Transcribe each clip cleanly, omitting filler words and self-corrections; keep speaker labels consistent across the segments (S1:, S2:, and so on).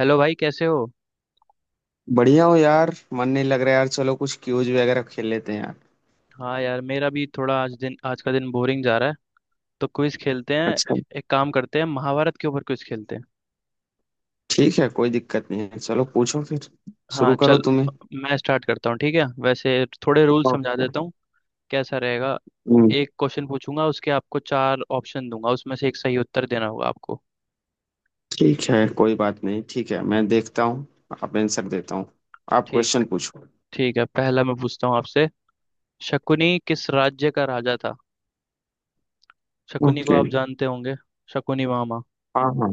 S1: Hello भाई, कैसे हो?
S2: बढ़िया हो यार। मन नहीं लग रहा यार। चलो कुछ क्यूज वगैरह खेल लेते हैं यार।
S1: हाँ यार, मेरा भी थोड़ा आज का दिन बोरिंग जा रहा है, तो क्विज खेलते हैं।
S2: अच्छा
S1: एक काम करते हैं, महाभारत के ऊपर क्विज खेलते हैं।
S2: ठीक है। कोई दिक्कत नहीं है। चलो पूछो फिर।
S1: हाँ
S2: शुरू करो
S1: चल,
S2: तुम्हें।
S1: मैं स्टार्ट करता हूँ। ठीक है, वैसे थोड़े रूल समझा
S2: ओके।
S1: देता हूँ। कैसा रहेगा?
S2: हम्म।
S1: एक क्वेश्चन पूछूंगा, उसके आपको चार ऑप्शन दूंगा, उसमें से एक सही उत्तर देना होगा आपको।
S2: ठीक है कोई बात नहीं। ठीक है मैं देखता हूँ। आप आंसर देता हूँ। आप
S1: ठीक।
S2: क्वेश्चन पूछो।
S1: ठीक है, पहला मैं पूछता हूँ आपसे। शकुनी किस राज्य का राजा था? शकुनी को
S2: ओके।
S1: आप जानते होंगे, शकुनी मामा।
S2: हाँ हाँ।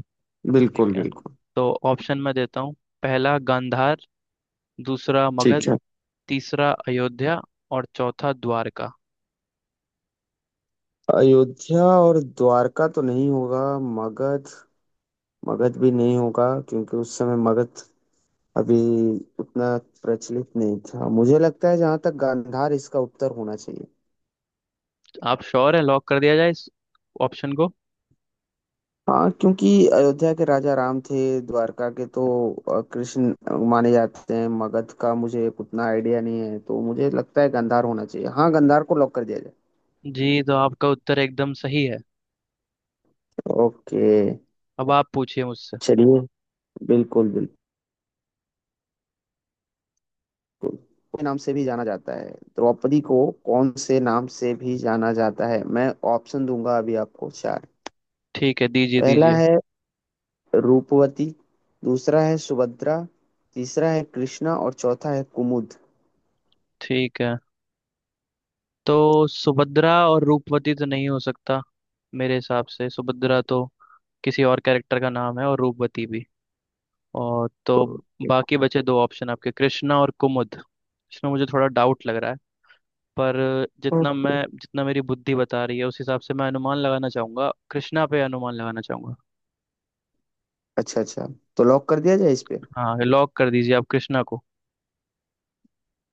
S1: ठीक
S2: बिल्कुल
S1: है,
S2: बिल्कुल।
S1: तो ऑप्शन मैं देता हूँ। पहला गांधार, दूसरा
S2: ठीक
S1: मगध,
S2: है।
S1: तीसरा अयोध्या और चौथा द्वारका।
S2: अयोध्या और द्वारका तो नहीं होगा। मगध। मगध भी नहीं होगा, क्योंकि उस समय मगध अभी उतना प्रचलित नहीं था। मुझे लगता है जहाँ तक गांधार, इसका उत्तर होना चाहिए।
S1: आप श्योर है? लॉक कर दिया जाए इस ऑप्शन को?
S2: हाँ, क्योंकि अयोध्या के राजा राम थे, द्वारका के तो कृष्ण माने जाते हैं। मगध का मुझे उतना आइडिया नहीं है, तो मुझे लगता है गांधार होना चाहिए। हाँ, गांधार को लॉक कर दिया जाए।
S1: जी, तो आपका उत्तर एकदम सही है।
S2: ओके,
S1: अब आप पूछिए मुझसे।
S2: चलिए। बिल्कुल बिल्कुल। के नाम से भी जाना जाता है द्रौपदी को। कौन से नाम से भी जाना जाता है। मैं ऑप्शन दूंगा अभी आपको चार।
S1: ठीक है, दीजिए
S2: पहला
S1: दीजिए।
S2: है रूपवती। दूसरा है सुभद्रा। तीसरा है कृष्णा और चौथा है कुमुद।
S1: ठीक है, तो सुभद्रा और रूपवती तो नहीं हो सकता। मेरे हिसाब से सुभद्रा तो किसी और कैरेक्टर का नाम है, और रूपवती भी। और तो
S2: ओके।
S1: बाकी बचे दो ऑप्शन आपके, कृष्णा और कुमुद। इसमें मुझे थोड़ा डाउट लग रहा है, पर
S2: ओके,
S1: जितना मेरी बुद्धि बता रही है उस हिसाब से मैं अनुमान लगाना चाहूंगा, कृष्णा पे अनुमान लगाना चाहूंगा।
S2: अच्छा अच्छा। तो लॉक कर दिया जाए इस पे।
S1: हाँ, लॉक कर दीजिए आप कृष्णा को।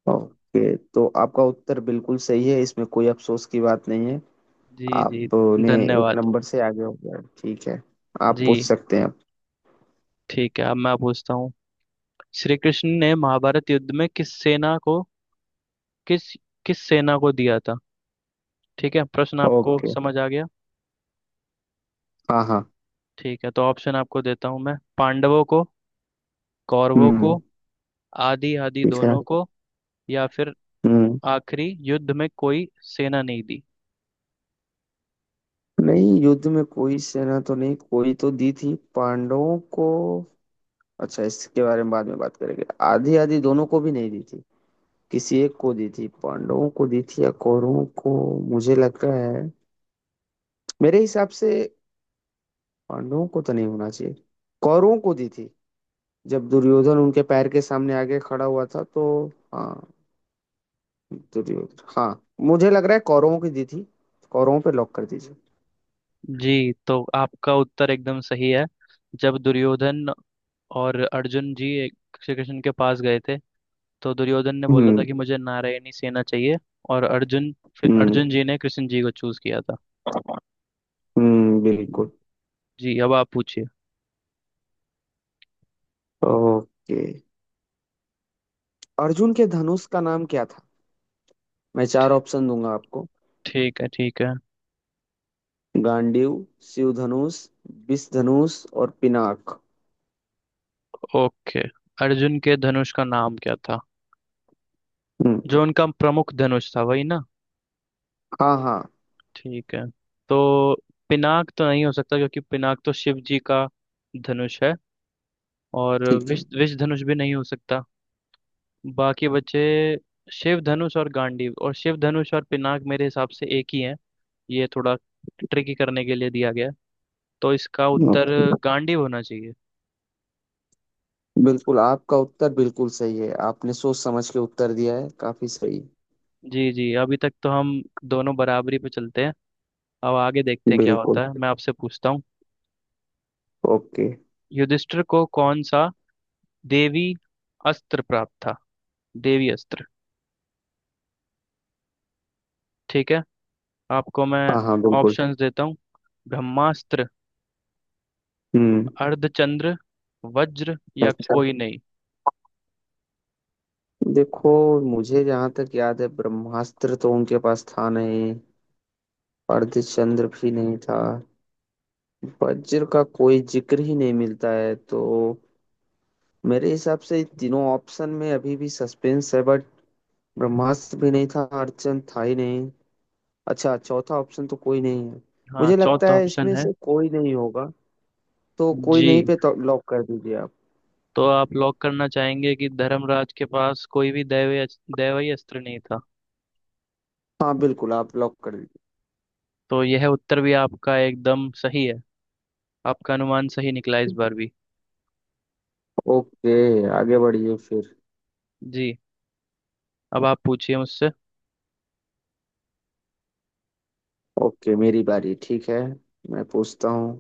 S2: ओके, तो आपका उत्तर बिल्कुल सही है। इसमें कोई अफसोस की बात नहीं है।
S1: जी जी,
S2: आपने एक
S1: धन्यवाद।
S2: नंबर से आगे हो गया। ठीक है, आप
S1: जी,
S2: पूछ सकते हैं।
S1: ठीक है, अब मैं पूछता हूँ। श्री कृष्ण ने महाभारत युद्ध में किस सेना को, किस किस सेना को दिया था? ठीक है, प्रश्न आपको
S2: ओके।
S1: समझ आ गया?
S2: हाँ हाँ।
S1: ठीक है, तो ऑप्शन आपको देता हूँ मैं। पांडवों को, कौरवों को,
S2: हम्म।
S1: आदि आदि
S2: ठीक है।
S1: दोनों को, या फिर
S2: हम्म।
S1: आखिरी युद्ध में कोई सेना नहीं दी।
S2: नहीं, युद्ध में कोई सेना तो नहीं, कोई तो दी थी पांडवों को। अच्छा, इसके बारे में बाद में बात करेंगे। आधी आधी दोनों को भी नहीं दी थी। किसी एक को दी थी, पांडवों को दी थी या कौरवों को। मुझे लग रहा है, मेरे हिसाब से पांडवों को तो नहीं होना चाहिए। कौरवों को दी थी, जब दुर्योधन उनके पैर के सामने आगे खड़ा हुआ था तो। हाँ, दुर्योधन। हाँ, मुझे लग रहा है कौरवों की दी थी। कौरवों पे लॉक कर दीजिए।
S1: जी, तो आपका उत्तर एकदम सही है। जब दुर्योधन और अर्जुन जी श्री कृष्ण के पास गए थे, तो दुर्योधन ने बोला था
S2: हम्म।
S1: कि मुझे नारायणी सेना चाहिए। और अर्जुन, फिर
S2: हम्म।
S1: अर्जुन जी ने कृष्ण जी को चूज किया था।
S2: हम्म, बिल्कुल।
S1: जी, अब आप पूछिए।
S2: ओके। अर्जुन के धनुष का नाम क्या था। मैं चार ऑप्शन दूंगा आपको।
S1: ठीक है ठीक है।
S2: गांडीव, शिव धनुष, विष धनुष और पिनाक।
S1: ओके, अर्जुन के धनुष का नाम क्या था?
S2: हम्म।
S1: जो उनका प्रमुख धनुष था, वही ना?
S2: हाँ हाँ।
S1: ठीक है, तो पिनाक तो नहीं हो सकता, क्योंकि पिनाक तो शिव जी का धनुष है। और
S2: ठीक है।
S1: विष विष धनुष भी नहीं हो सकता। बाकी बचे शिव धनुष और गांडीव। और शिव धनुष और पिनाक मेरे हिसाब से एक ही है, ये थोड़ा ट्रिकी करने के लिए दिया गया है। तो इसका उत्तर
S2: ओके।
S1: गांडीव होना चाहिए।
S2: बिल्कुल आपका उत्तर बिल्कुल सही है। आपने सोच समझ के उत्तर दिया है काफी सही।
S1: जी जी, अभी तक तो हम दोनों बराबरी पे चलते हैं। अब आगे देखते हैं क्या
S2: बिल्कुल।
S1: होता है। मैं आपसे पूछता हूँ।
S2: ओके।
S1: युधिष्ठिर को कौन सा देवी अस्त्र प्राप्त था? देवी अस्त्र। ठीक है, आपको मैं
S2: हाँ हाँ बिल्कुल।
S1: ऑप्शंस देता हूँ। ब्रह्मास्त्र,
S2: हम्म।
S1: अर्धचंद्र, वज्र, या
S2: अच्छा,
S1: कोई नहीं।
S2: देखो मुझे जहां तक याद है ब्रह्मास्त्र तो उनके पास था नहीं। अर्धचंद्र भी नहीं था। वज्र का कोई जिक्र ही नहीं मिलता है, तो मेरे हिसाब से इन तीनों ऑप्शन में अभी भी सस्पेंस है बट ब्रह्मास्त्र भी नहीं था, अर्धचंद्र था ही नहीं। अच्छा, चौथा ऑप्शन तो कोई नहीं है।
S1: हाँ,
S2: मुझे लगता
S1: चौथा
S2: है
S1: ऑप्शन
S2: इसमें
S1: है।
S2: से कोई नहीं होगा, तो कोई
S1: जी,
S2: नहीं पे तो लॉक कर दीजिए आप।
S1: तो आप लॉक करना चाहेंगे कि धर्मराज के पास कोई भी दैवीय दैवीय अस्त्र नहीं था?
S2: हाँ बिल्कुल, आप लॉक कर दीजिए।
S1: तो यह उत्तर भी आपका एकदम सही है। आपका अनुमान सही निकला इस बार भी।
S2: ओके, आगे बढ़िए फिर।
S1: जी, अब आप पूछिए मुझसे।
S2: ओके, मेरी बारी। ठीक है, मैं पूछता हूँ।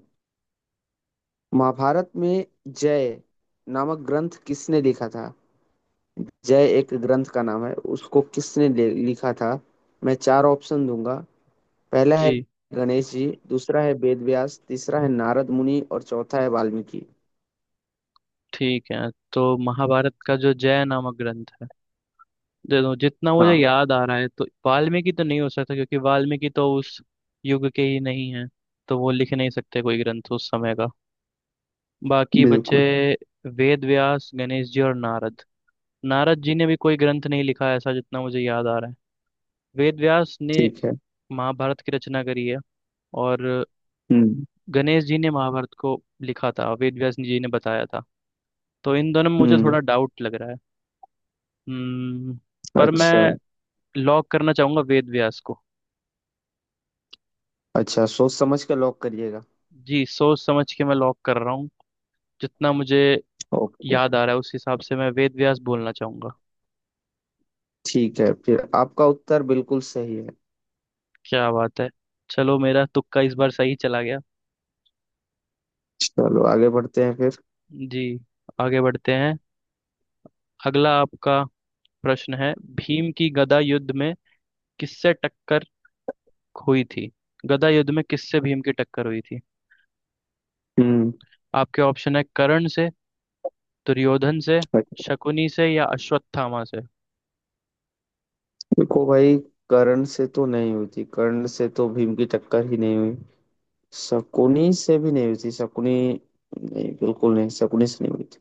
S2: महाभारत में जय नामक ग्रंथ किसने लिखा था। जय एक ग्रंथ का नाम है, उसको किसने लिखा था। मैं चार ऑप्शन दूंगा। पहला है
S1: जी,
S2: गणेश जी, दूसरा है वेद व्यास, तीसरा है नारद मुनि और चौथा है वाल्मीकि।
S1: ठीक है, तो महाभारत का जो जय नामक ग्रंथ है, देखो जितना मुझे
S2: हाँ।
S1: याद आ रहा है, तो वाल्मीकि तो नहीं हो सकता, क्योंकि वाल्मीकि तो उस युग के ही नहीं है, तो वो लिख नहीं सकते कोई ग्रंथ उस समय का। बाकी बचे
S2: बिल्कुल।
S1: वेद व्यास, गणेश जी और नारद। नारद जी ने भी कोई ग्रंथ नहीं लिखा है, ऐसा जितना मुझे याद आ रहा है। वेद व्यास ने
S2: ठीक है।
S1: महाभारत की रचना करी है, और
S2: हम्म।
S1: गणेश जी ने महाभारत को लिखा था, वेद व्यास जी ने बताया था। तो इन दोनों में मुझे
S2: हम्म।
S1: थोड़ा डाउट लग रहा है। हम्म, पर
S2: अच्छा,
S1: मैं लॉक करना चाहूंगा वेद व्यास को।
S2: अच्छा सोच समझ कर लॉक करिएगा।
S1: जी, सोच समझ के मैं लॉक कर रहा हूँ। जितना मुझे
S2: ओके।
S1: याद आ रहा है उस हिसाब से मैं वेद व्यास बोलना चाहूंगा।
S2: ठीक है फिर, आपका उत्तर बिल्कुल सही है।
S1: क्या बात है! चलो, मेरा तुक्का इस बार सही चला गया।
S2: चलो आगे बढ़ते हैं फिर।
S1: जी, आगे बढ़ते हैं। अगला आपका प्रश्न है, भीम की गदा युद्ध में किससे टक्कर हुई थी? गदा युद्ध में किससे भीम की टक्कर हुई थी?
S2: हम्म।
S1: आपके ऑप्शन है, कर्ण से, दुर्योधन से, शकुनी से, या अश्वत्थामा से।
S2: देखो भाई, कर्ण से तो नहीं हुई थी। कर्ण से तो भीम की टक्कर ही नहीं हुई। शकुनी से भी नहीं हुई थी। शकुनी, नहीं, बिल्कुल नहीं, शकुनी से नहीं हुई थी।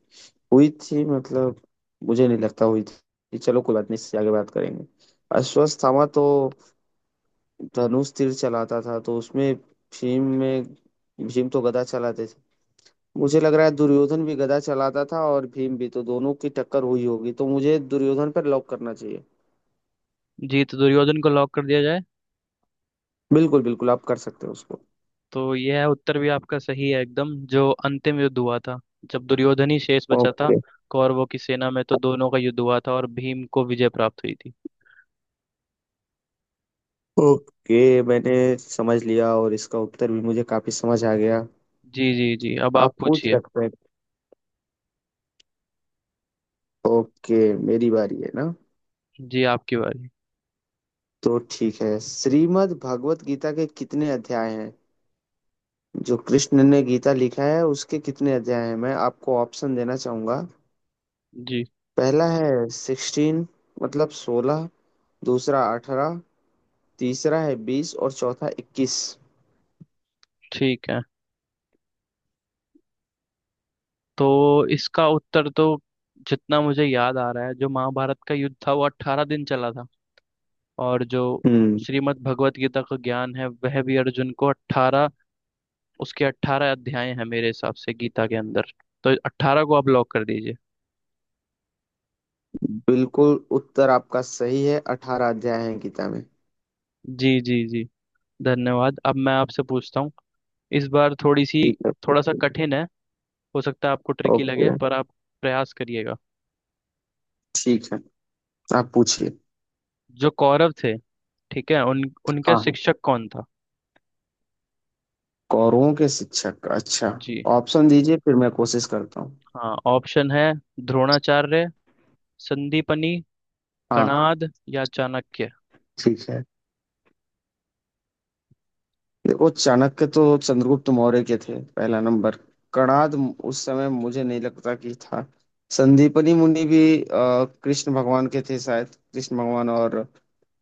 S2: हुई थी, मतलब मुझे नहीं लगता हुई थी। चलो कोई बात नहीं, इससे आगे बात करेंगे। अश्वत्थामा तो धनुष तीर चलाता था, तो उसमें भीम में, भीम तो गदा चलाते थे। मुझे लग रहा है दुर्योधन भी गदा चलाता था और भीम भी, तो दोनों की टक्कर हुई होगी, तो मुझे दुर्योधन पर लॉक करना चाहिए।
S1: जी, तो दुर्योधन को लॉक कर दिया जाए।
S2: बिल्कुल बिल्कुल, आप कर सकते हो उसको।
S1: तो यह है, उत्तर भी आपका सही है एकदम। जो अंतिम युद्ध हुआ था, जब दुर्योधन ही शेष बचा था
S2: ओके।
S1: कौरवों की सेना में, तो दोनों का युद्ध हुआ था और भीम को विजय प्राप्त हुई थी।
S2: ओके, मैंने समझ लिया और इसका उत्तर भी मुझे काफी समझ आ गया।
S1: जी जी जी, अब आप
S2: आप पूछ
S1: पूछिए।
S2: सकते हैं। ओके, मेरी बारी है ना।
S1: जी, आपकी बारी।
S2: तो ठीक है, श्रीमद् भागवत गीता के कितने अध्याय हैं। जो कृष्ण ने गीता लिखा है उसके कितने अध्याय हैं। मैं आपको ऑप्शन देना चाहूंगा।
S1: जी,
S2: पहला है सिक्सटीन, मतलब सोलह। दूसरा अठारह। तीसरा है बीस और चौथा इक्कीस।
S1: ठीक है, तो इसका उत्तर तो, जितना मुझे याद आ रहा है, जो महाभारत का युद्ध था वो 18 दिन चला था। और जो
S2: हम्म।
S1: श्रीमद् भगवत गीता का ज्ञान है, वह भी अर्जुन को अट्ठारह, उसके 18 अध्याय हैं मेरे हिसाब से गीता के अंदर। तो अट्ठारह को आप लॉक कर दीजिए।
S2: बिल्कुल, उत्तर आपका सही है। अठारह अध्याय है गीता में।
S1: जी जी जी, धन्यवाद। अब मैं आपसे पूछता हूँ। इस बार थोड़ी सी
S2: ठीक है
S1: थोड़ा सा
S2: पूछिए।
S1: कठिन है। हो सकता है आपको ट्रिकी
S2: ओके।
S1: लगे, पर आप प्रयास करिएगा।
S2: ठीक है, आप पूछिए।
S1: जो कौरव थे, ठीक है, उन उनका
S2: हाँ हाँ।
S1: शिक्षक कौन था?
S2: कौरवों के शिक्षक, अच्छा
S1: जी,
S2: ऑप्शन दीजिए फिर मैं कोशिश करता हूँ।
S1: हाँ, ऑप्शन है, द्रोणाचार्य, संदीपनी,
S2: हाँ।
S1: कणाद, या चाणक्य।
S2: ठीक है, देखो चाणक्य तो चंद्रगुप्त मौर्य के थे। पहला नंबर कणाद, उस समय मुझे नहीं लगता कि था। संदीपनी मुनि भी कृष्ण भगवान के थे शायद। कृष्ण भगवान और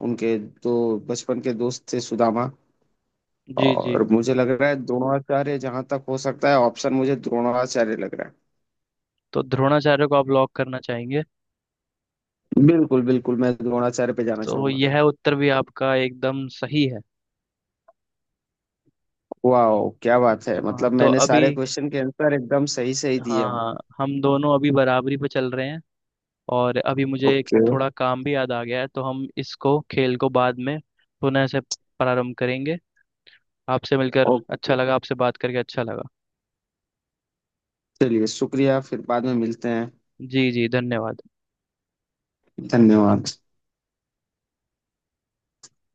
S2: उनके दो बचपन के दोस्त थे सुदामा।
S1: जी। जी,
S2: और मुझे लग रहा है द्रोणाचार्य, जहां तक हो सकता है ऑप्शन, मुझे द्रोणाचार्य लग रहा
S1: तो द्रोणाचार्य को आप लॉक करना चाहेंगे?
S2: है। बिल्कुल बिल्कुल, मैं द्रोणाचार्य पे जाना
S1: तो
S2: चाहूंगा।
S1: यह उत्तर भी आपका एकदम सही है।
S2: वाह क्या बात है,
S1: हाँ,
S2: मतलब
S1: तो
S2: मैंने
S1: अभी,
S2: सारे क्वेश्चन के आंसर एकदम सही सही
S1: हाँ
S2: दिए हूँ।
S1: हाँ, हम दोनों अभी बराबरी पे चल रहे हैं। और अभी मुझे एक
S2: ओके।
S1: थोड़ा काम भी याद आ गया है, तो हम इसको, खेल को बाद में पुनः से प्रारंभ करेंगे। आपसे मिलकर अच्छा
S2: ओके,
S1: लगा, आपसे बात करके अच्छा लगा।
S2: चलिए शुक्रिया, फिर बाद में मिलते हैं।
S1: जी जी, धन्यवाद।
S2: धन्यवाद।